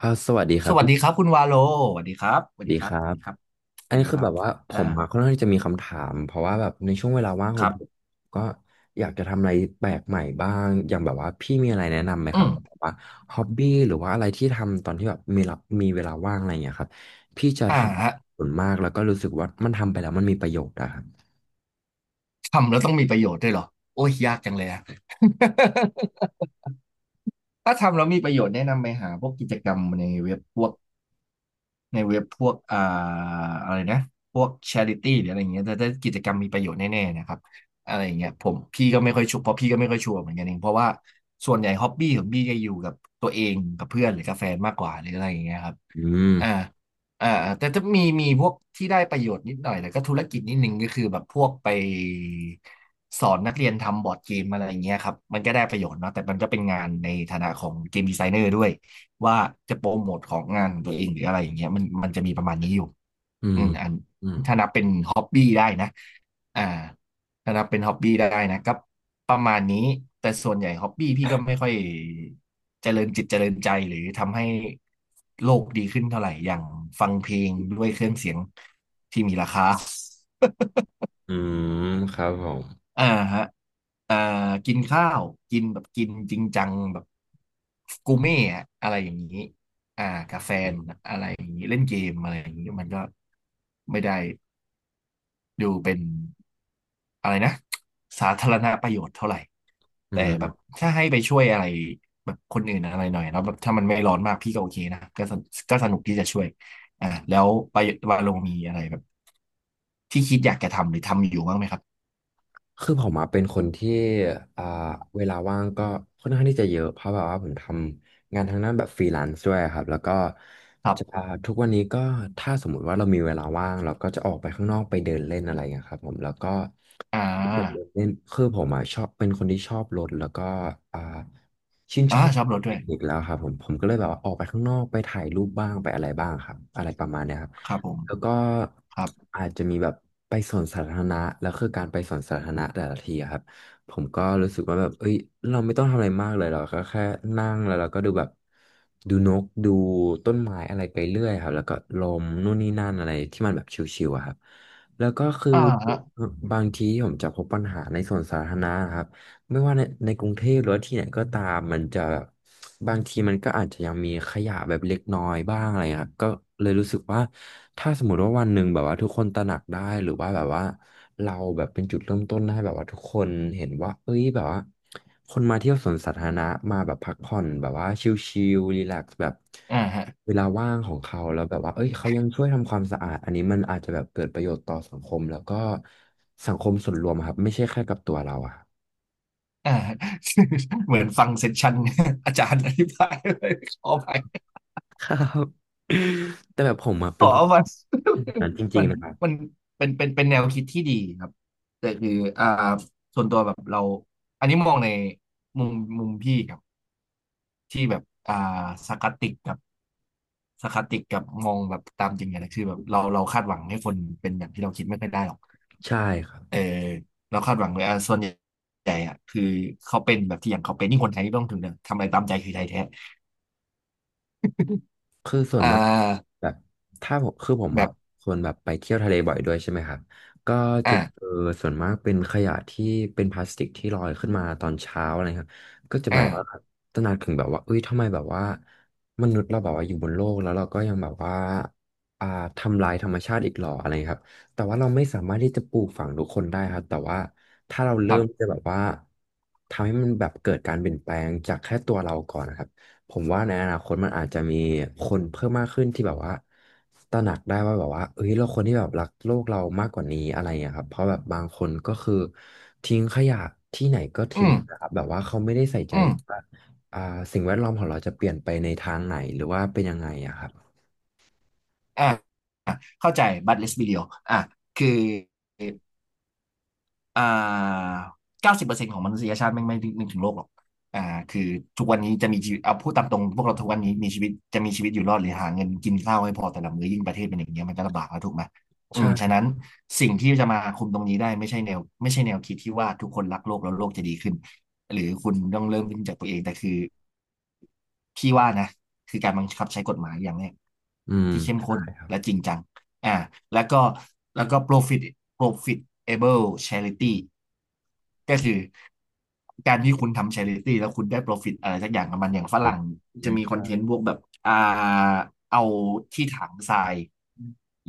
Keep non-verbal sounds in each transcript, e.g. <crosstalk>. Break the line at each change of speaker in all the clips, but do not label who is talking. สวัสดีค
ส
รับ
วัส
พี่
ดีครับคุณวาโลสวัสดีครับสวัส
ดี
ดีค
ค
รับ
รั
สวั
บ
สดีครับส
อัน
วัส
นี้
ดี
คื
ค
อ
รั
แบ
บ
บว่าผมมาค่อน
อ่า
ข้างที่จะมีคำถามเพราะว่าแบบในช่วงเวลาว่างข
ค
อง
รั
ผม
บ
ก็อยากจะทำอะไรแปลกใหม่บ้างอย่างแบบว่าพี่มีอะไรแนะนำไหม
อื
ครับ
ม
แบบว่าฮ็อบบี้หรือว่าอะไรที่ทำตอนที่แบบมีรับมีเวลาว่างอะไรอย่างเงี้ยครับพี่จะ
อ่า
ทำอะไร
ฮะ
ส่วนมากแล้วก็รู้สึกว่ามันทำไปแล้วมันมีประโยชน์อะครับ
ทำแล้วต้องมีประโยชน์ด้วยเหรอโอ้ยยากจังเลยอะ <laughs> ถ้าทำแล้วมีประโยชน์แนะนำไปหาพวกกิจกรรมในเว็บพวกในเว็บพวกอ่าอะไรนะพวก charity หรืออะไรอย่างเงี้ยแต่ถ้ากิจกรรมมีประโยชน์แน่ๆนะครับอะไรอย่างเงี้ยผมพี่ก็ไม่ค่อยชัวร์เพราะพี่ก็ไม่ค่อยชัวร์เหมือนกันเองเพราะว่าส่วนใหญ่ฮ็อบบี้ของพี่จะอยู่กับตัวเองกับเพื่อนหรือกับแฟนมากกว่าหรืออะไรอย่างเงี้ยครับ
อืม
อ่าอ่าแต่จะมีพวกที่ได้ประโยชน์นิดหน่อยแต่ก็ธุรกิจนิดนึงก็คือแบบพวกไปสอนนักเรียนทำบอร์ดเกมอะไรอย่างเงี้ยครับมันก็ได้ประโยชน์เนาะแต่มันก็เป็นงานในฐานะของเกมดีไซเนอร์ด้วยว่าจะโปรโมทของงานของตัวเองหรืออะไรอย่างเงี้ยมันจะมีประมาณนี้อยู่
อื
อื
ม
มอัน
อืม
ถ้านับเป็นฮ็อบบี้ได้นะอ่า ถ้านับเป็นฮ็อบบี้ได้นะก็ประมาณนี้แต่ส่วนใหญ่ฮ็อบบี้พี่ก็ไม่ค่อยเจริญจิตเจริญใจหรือทำให้โลกดีขึ้นเท่าไหร่อย่างฟังเพลงด้วยเครื่องเสียงที่มีราคา
อืมครับผม
อ่าฮะอ่ากินข้าวกินแบบกินจริงจังแบบกูเม่อะอะไรอย่างนี้อ่ากาแฟนอะไรอย่างนี้เล่นเกมอะไรอย่างนี้มันก็ไม่ได้ ดูเป็นอะไรนะสาธารณประโยชน์เท่าไหร่
อื
แต่แบบ
ม
ถ้าให้ไปช่วยอะไรแบบคนอื่นอะไรหน่อยแล้วแบบถ้ามันไม่ร้อนมากพี่ก็โอเคนะก็สนุกที่จะช่วยอ่าแล้วไปวาโลมีอะไรแบบที่คิดอยากจะทำหรือทำอยู่บ้างไหมครับ
คือผมอะเป็นคนที่อ่าเวลาว่างก็ค่อนข้างที่จะเยอะเพราะแบบว่าผมทำงานทางด้านแบบฟรีแลนซ์ด้วยครับแล้วก็
ครั
จะ
บ
ทุกวันนี้ก็ถ้าสมมุติว่าเรามีเวลาว่างเราก็จะออกไปข้างนอกไปเดินเล่นอะไรอย่างเงี้ยครับผมแล้วก็
อ่า
แบบรถเนี่ยคือผมอ่ะชอบเป็นคนที่ชอบรถแล้วก็อ่าชื่นช
อ่า
อบ
ชอบรถด้
เท
วย
คนิคแล้วครับผมก็เลยแบบว่าออกไปข้างนอกไปถ่ายรูปบ้างไปอะไรบ้างครับอะไรประมาณเนี้ยครับ
ครับผม
แล้วก็
ครับ
อาจจะมีแบบไปสวนสาธารณะแล้วคือการไปสวนสาธารณะแต่ละทีอะครับผมก็รู้สึกว่าแบบเอ้ยเราไม่ต้องทำอะไรมากเลยเราก็แค่นั่งแล้วเราก็ดูแบบดูนกดูต้นไม้อะไรไปเรื่อยครับแล้วก็ลมนู่นนี่นั่นอะไรที่มันแบบชิวๆอะครับ แล้วก็คือ
อ่าฮะ
บางทีผมจะพบปัญหาในส่วนสาธารณะครับ ไม่ว่าในกรุงเทพหรือว่าที่ไหนก็ตาม มันจะบางทีมันก็อาจจะยังมีขยะแบบเล็กน้อยบ้างอะไรเงี้ยครับก็เลยรู้สึกว่าถ้าสมมติว่าวันหนึ่งแบบว่าทุกคนตระหนักได้ หรือว่าแบบว่าเราแบบเป็นจุดเริ่มต้นให้แบบว่าทุกคนเห็นว่า เอ้ยแบบว่าคนมาเที่ยวสวนสาธารณะมาแบบพักผ่อนแบบว่าชิลๆรีแลกซ์แบบ
อ่าฮะ
เวลาว่างของเขาแล้วแบบว่าเอ้ยเขายังช่วยทำความสะอาดอันนี้มันอาจจะแบบเกิดประโยชน์ต่อสังคมแล้วก็สังคมส่วนรวมอะครับไม่ใช่แค่กับตัวเราอะ
อ่าฮะ <laughs> เหมือนฟังเซสชั่น <laughs> อาจารย์อธิบายเลย <laughs> ขอไป
ครับ <coughs> แต่แบบผมอะเป็
อ๋
น
อ
คน
มัน
แบบนั้นจ
<laughs>
ริ
มั
ง
น
ๆนะครับ
มันเป็นแนวคิดที่ดีครับแต่คืออ่าส่วนตัวแบบเราอันนี้มองในมุมมุมพี่ครับที่แบบอ่าสารคาสติกกับสารคาสติกกับมองแบบตามจริงเนี่ยนะคือแบบเราคาดหวังให้คนเป็นอย่างที่เราคิดไม่ค่อยได้หรอก
ใช่ครับ
เออเราคาดหวังเลยอ่าส่วนใหญ่อะคือเขาเป็นแบบที่อย่างเขาเป็นนี่คนไทยนี่ไม่ต้องถึงเนี่ยทำอะไรตามใจคือไทยแท้
คือส่วน
อ่
มาก
า
แบบถ้าผมคือผมอะ
แบบ
คนแบบไปเที่ยวทะเลบ่อยด้วยใช่ไหมครับก็จะเจ
อ่า
อส่วนมากเป็นขยะที่เป็นพลาสติกที่ลอยขึ้นมาตอนเช้าอะไรครับก็จะแบบ
อ่า
ว่าตระหนักถึงแบบว่าเอ้ยทำไมแบบว่ามนุษย์เราแบบว่าอยู่บนโลกแล้วเราก็ยังแบบว่าอ่าทำลายธรรมชาติอีกหรออะไรครับแต่ว่าเราไม่สามารถที่จะปลูกฝังทุกคนได้ครับแต่ว่าถ้าเรา
ค
เริ่
รั
ม
บ
จะแบบว่าทำให้มันแบบเกิดการเปลี่ยนแปลงจากแค่ตัวเราก่อนนะครับ ผมว่าในอนาคตมันอาจจะมีคนเพิ่มมากขึ้นที่แบบว่าตระหนักได้ว่าแบบว่าเอ้ยเราคนที่แบบรักโลกเรามากกว่านี้อะไรอย่างเงี้ยครับเพราะแบบบางคนก็คือทิ้งขยะที่ไหนก็
อื
ทิ้ง
ม
นะครับแบบว่าเขาไม่ได้ใส่ใจ
อื
เล
ม
ยว่าอ่าสิ่งแวดล้อมของเราจะเปลี่ยนไปในทางไหนหรือว่าเป็นยังไงอะครับ
อ่า เข้าใจ but let's be real อ่ะคืออ่า90%ของมนุษยชาติไม่นึกถึงโลกหรอกอ่าคือทุกวันนี้จะมีชีวิตเอาพูดตามตรงพวกเราทุกวันนี้มีชีวิตจะมีชีวิตอยู่รอดหรือหาเงินกินข้าวให้พอแต่ละมื้อยิ่งประเทศเป็นอย่างเงี้ยมันก็ลำบากแล้วถูกไหมอืมฉะ
ใช่
นั้นสิ่งที่จะมาคุมตรงนี้ได้ไม่ใช่แนวคิดที่ว่าทุกคนรักโลกแล้วโลกจะดีขึ้นหรือคุณต้องเริ่มขึ้นจากตัวเองแต่คือพี่ว่านะคือการบังคับใช้กฎหมายอย่างเนี้ย
อืม
ที่เข้ม
ใช่
ข้น
ครับ
และจริงจัง อ่าแล้วก็แล้วก็ profit profitable charity ก็คือการที่คุณทำ charity แล้วคุณได้ profit อะไรสักอย่างกับมันอย่างฝ
อืม
รั่ง
อื
จะ
ม
มีคอนเทนต์พวกแบบอ่าเอาที่ถังทราย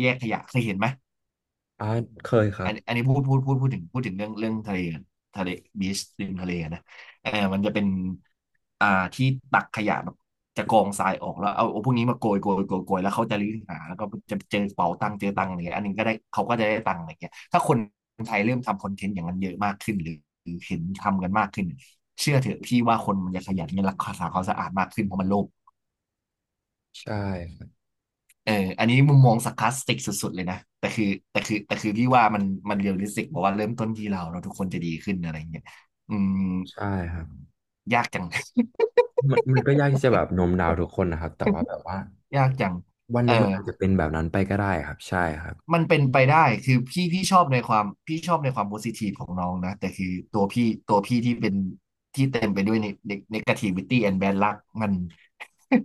แยกขยะเคยเห็นไหม
อ่าเคยครั
อั
บ
นอันนี้พูดถึงเรื่องทะเลกันทะเลบีชริมทะเลนะเออมันจะเป็นอ่าที่ตักขยะแบบจะกองทรายออกแล้วเอาพวกนี้มาโกยแล้วเขาจะรื้อหาแล้วก็จะเจอเป๋าตังค์เจอตังค์อะไรเงี้ยอันนี้ก็ได้เขาก็จะได้ตังค์อะไรเงี้ยถ้าคนไทยเริ่มทำคอนเทนต์อย่างนั้นเยอะมากขึ้นหรือหรือเห็นทำกันมากขึ้นเชื่อเถอะพี่ว่าคนมันจะขยันและรักษาความสะอาดมากขึ้นเพราะมันโลภ
ใช่ครับ
เอออันนี้มุมมอง sarcastic สุดๆเลยนะแต่คือพี่ว่ามันมันเรียลลิสติกบอกว่าเริ่มต้นที่เราเราทุกคนจะดีขึ้นอะไรอย่างเงี้ยอืม
ใช่ครับ
ยากจัง
มันก็ยากที่จะแบบโน้มน้าวทุกคนนะครับแต่ว่าแบบว่า
<laughs> ยากจัง
วันห
เออ
นึ่งมันอาจจะเป็นแบบนั้นไปก็ได้ครับใช่ครับ
มันเป็นไปได้คือพี่พี่ชอบในความพี่ชอบในความโพซิทีฟของน้องนะแต่คือตัวพี่ที่เป็นที่เต็มไปด้วยในในกาทีวิตี้แอนด์แบดลักมัน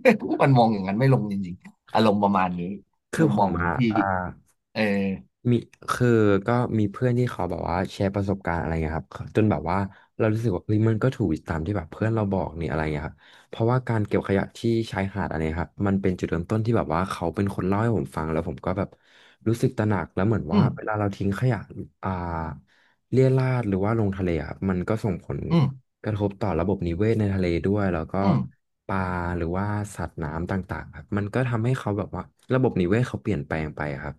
<laughs> มันมองอย่างนั้นไม่ลงจริงๆอารมณ์ประมาณนี้
คือ
มุม
ผ
มอ
ม
งของ
อะ
พี่
อ่า
เออ
มีคือก็มีเพื่อนที่เขาแบบว่าแชร์ประสบการณ์อะไรเงี้ยครับจนแบบว่าเรารู้สึกว่าเฮ้ยมันก็ถูกตามที่แบบเพื่อนเราบอกนี่อะไรเงี้ยครับเพราะว่าการเก็บขยะที่ชายหาดอะไรครับมันเป็นจุดเริ่มต้นที่แบบว่าเขาเป็นคนเล่าให้ผมฟังแล้วผมก็แบบรู้สึกตระหนักแล้วเหมือน
อื
ว่า
ม
เวลาเราทิ้งขยะอ่าเรี่ยราดหรือว่าลงทะเลอะครับมันก็ส่งผล
อืม
กระทบต่อระบบนิเวศในทะเลด้วยแล้วก็
อืม
ปลาหรือว่าสัตว์น้ำต่างๆครับมันก็ทำให้เขาแบบว่าระบบนิเวศเขาเปลี่ยนแปลงไปครับ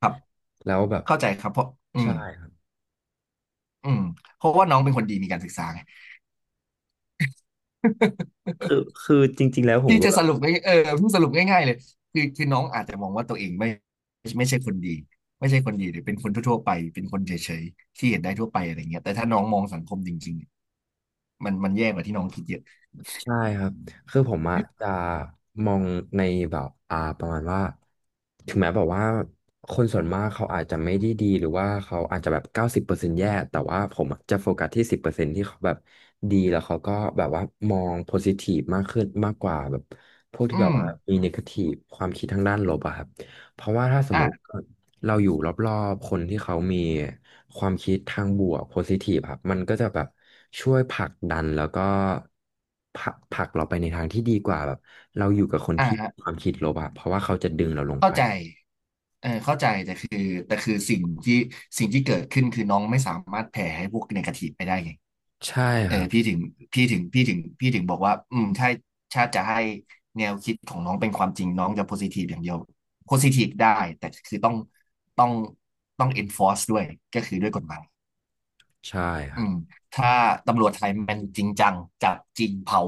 ครับ
แล้วแบบ
เข้าใจครับเพราะอื
ใช่
ม
ครับ
อืมเพราะว่าน้องเป็นคนดีมีการศึกษาไง <laughs>
คือคือจริงๆแล้วผม
พี่
ก็
จะสรุปง่ายพี่สรุปง่ายๆเลยคือน้องอาจจะมองว่าตัวเองไม่ใช่คนดีหรือเป็นคนทั่วๆไปเป็นคนเฉยๆที่เห็นได้ทั่วไปอะไรเงี้ยแต่ถ้าน้องมองสังคมจริงๆมันแย่กว่าที่น้องคิดเยอะ
ใช่ครับ คือผมอะจะมองในแบบประมาณว่าถึงแม้แบบว่าคนส่วนมากเขาอาจจะไม่ได้ดีหรือว่าเขาอาจจะแบบ90%แย่แต่ว่าผมอะจะโฟกัสที่สิบเปอร์เซ็นต์ที่เขาแบบดีแล้วเขาก็แบบว่ามองโพซิทีฟมากขึ้นมากกว่าแบบพวกที่
อื
แบบ
ม
ว่ามีเนกาทีฟความคิดทางด้านลบอะครับเพราะว่าถ้าสมมติ
อ่า
เราอยู่รอบๆคนที่เขามีความคิดทางบวกโพซิทีฟครับมันก็จะแบบช่วยผลักดันแล้วก็ผลักเราไปในทางที่ดีกว่าแบบเราอยู่กับคน
อ่า
ที่มี
ฮะ
ความคิดลบอะเพราะว่าเขาจะดึงเราลง
เข้า
ไป
ใจเออเข้าใจแต่คือสิ่งที่เกิดขึ้นคือน้องไม่สามารถแผ่ให้พวกเนกาทีฟไปได้ไง
ใช่
เอ
ค
อ
รับ
พี่ถึงพี่ถึงพี่ถึงพี่ถึงบอกว่าถ้าติจะให้แนวคิดของน้องเป็นความจริงน้องจะโพซิทีฟอย่างเดียวโพซิทีฟได้แต่คือต้องต้อง enforce ด้วยก็คือด้วยกฎหมาย
ใช่ค
อื
รับ
มถ้าตำรวจไทยมันจริงจังจับจริงเผา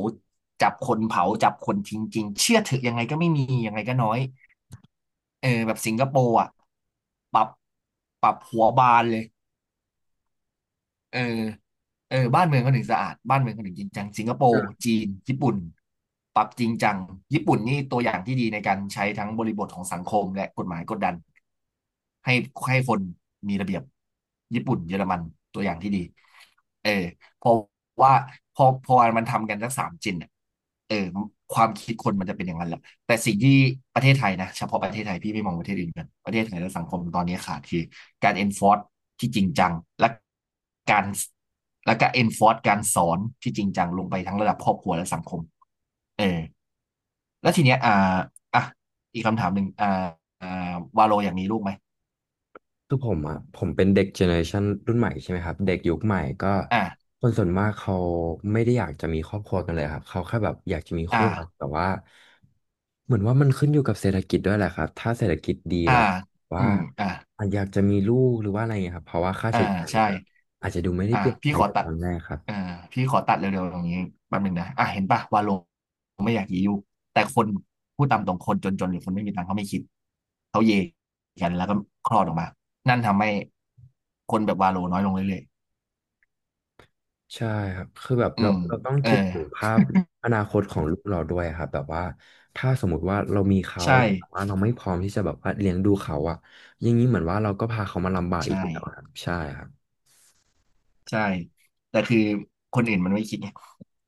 จับคนเผาจับคนทิ้งจริงเชื่อถือยังไงก็ไม่มียังไงก็น้อยเออแบบสิงคโปร์อ่ะปรับปรับหัวบานเลย เออเออบ้านเมืองเขาถึงสะอาด บ้านเมืองเขาถึงจริงจังสิงคโปร์จีน ญี่ปุ่น ปรับจริงจัง ญี่ปุ่นนี่ตัวอย่างที่ดีในการใช้ทั้งบริบทของสังคมและกฎหมายกดดันให้ให้คนมีระเบียบญี่ปุ่นเยอรมันตัวอย่างที่ดีเออเพราะว่าพอมันทำกันสักสามจินอะเออความคิดคนมันจะเป็นอย่างนั้นแหละแต่สิ่งที่ประเทศไทยนะเฉพาะประเทศไทยพี่ไม่มองประเทศอื่นกันประเทศไทยและสังคมตอนนี้ขาดคือ การ enforce ที่จริงจังและการและก็ enforce การสอนที่จริงจังลงไปทั้งระดับครอบครัวและสังคมเออแล้วทีเนี้ยอ่าอ่ะอีกคำถามหนึ่งวาโลอยากมีลูกไหม
คือผมอ่ะผมเป็นเด็กเจเนอเรชันรุ่นใหม่ใช่ไหมครับเด็กยุคใหม่ก็
อ่า
คนส่วนมากเขาไม่ได้อยากจะมีครอบครัวกันเลยครับเขาแค่แบบอยากจะมี
อ่า
คู่รักแต่ว่าเหมือนว่ามันขึ้นอยู่กับเศรษฐกิจด้วยแหละครับถ้าเศรษฐกิจดีแล้
อ่า
ว
อื
ว่า
มอ่า
อาจอยากจะมีลูกหรือว่าอะไรเงี้ยครับเพราะว่าค่า
อ่า
ใช้จ่ายมั
ใช่
นก็อาจจะดูไม่ได้
อ่ะ
เปลี่ยน
พี่
ไป
ขอ
จาก
ตั
ต
ด
อนแรกครับ
อ่าพี่ขอตัดเร็วๆตรงนี้แป๊บหนึงนะอ่ะเห็นปะวาโลไม่อยากยียุแต่คนพูดตามตรงคนจนๆหรือคนไม่มีตังค์เขาไม่คิดเขาเยกันแล้วก็คลอดออกมานั่นทำให้คนแบบวาโลน้อยลงเรื่อย
ใช่ครับคือแบบ
ๆอื
เรา
ม
เราต้อง
เออ
คิดถึงภาพอนาคตของลูกเราด้วยครับแบบว่าถ้าสมมุติว่าเรามีเขา
ใช่
แต่ว่าเราไม่พร้อมที่จะแบบว่าเลี้ยงดูเขาอะอย่างนี้เหมือนว่าเราก็พาเขามาลำบากอีก
ใช่
แล้วอะครับใช่ครับ
ใช่ แต่คือคนอื่นมันไม่คิดไง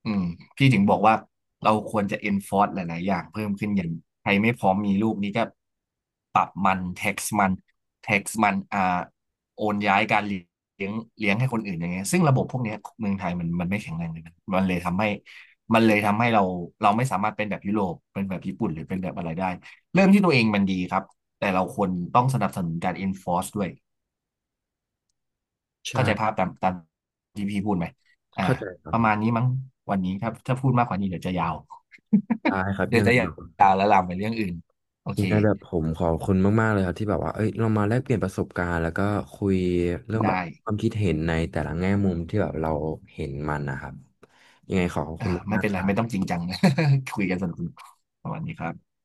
อืมพี่ถึงบอกว่าเราควรจะ enforce หลายๆ อย่างเพิ่มขึ้นอย่างใครไม่พร้อมมีลูกนี่ก็ปรับมัน tax มัน tax มันอ่าโอนย้ายการเลี้ยงเลี้ยงให้คนอื่นอย่างเงี้ยซึ่งระบบพวกเนี้ยเมืองไทยมันไม่แข็งแรงเลยมันเลยทำให้เราเราไม่สามารถเป็นแบบยุโรปเป็นแบบญี่ปุ่นหรือเป็นแบบอะไรได้เริ่มที่ตัวเองมันดีครับแต่เราควรต้องสนับสนุนการ enforce ด้วย เข้าใจภาพ
ใช่
ตามที่พี่พูดไหมอ่า
เข้าใจครับ
ป
ผ
ระ
ม
มาณนี้มั้งวันนี้ถ้าพูดมากกว่านี้เดี๋ยวจะยาว
ได้ครั
<laughs>
บ
เดี๋ย
ยั
ว
งไง
จะย
แบ
า
บ
วแล้วลามไปเรื่องอื่น โอ
ยั
เค
งไงแบบผมขอบคุณมากๆเลยครับที่แบบว่าเอ้ยเรามาแลกเปลี่ยนประสบการณ์แล้วก็คุยเรื่องแบบ
ได้
ความคิดเห็นในแต่ละแง่มุมที่แบบเราเห็นมันนะครับยังไงขอขอบ
อ่า
คุณ
ไม่
มาก
เป็น
ๆค
ไร
รับ
ไม่ต้องจริงจัง <laughs> คุยกันสนุกๆประมาณนี้ครับ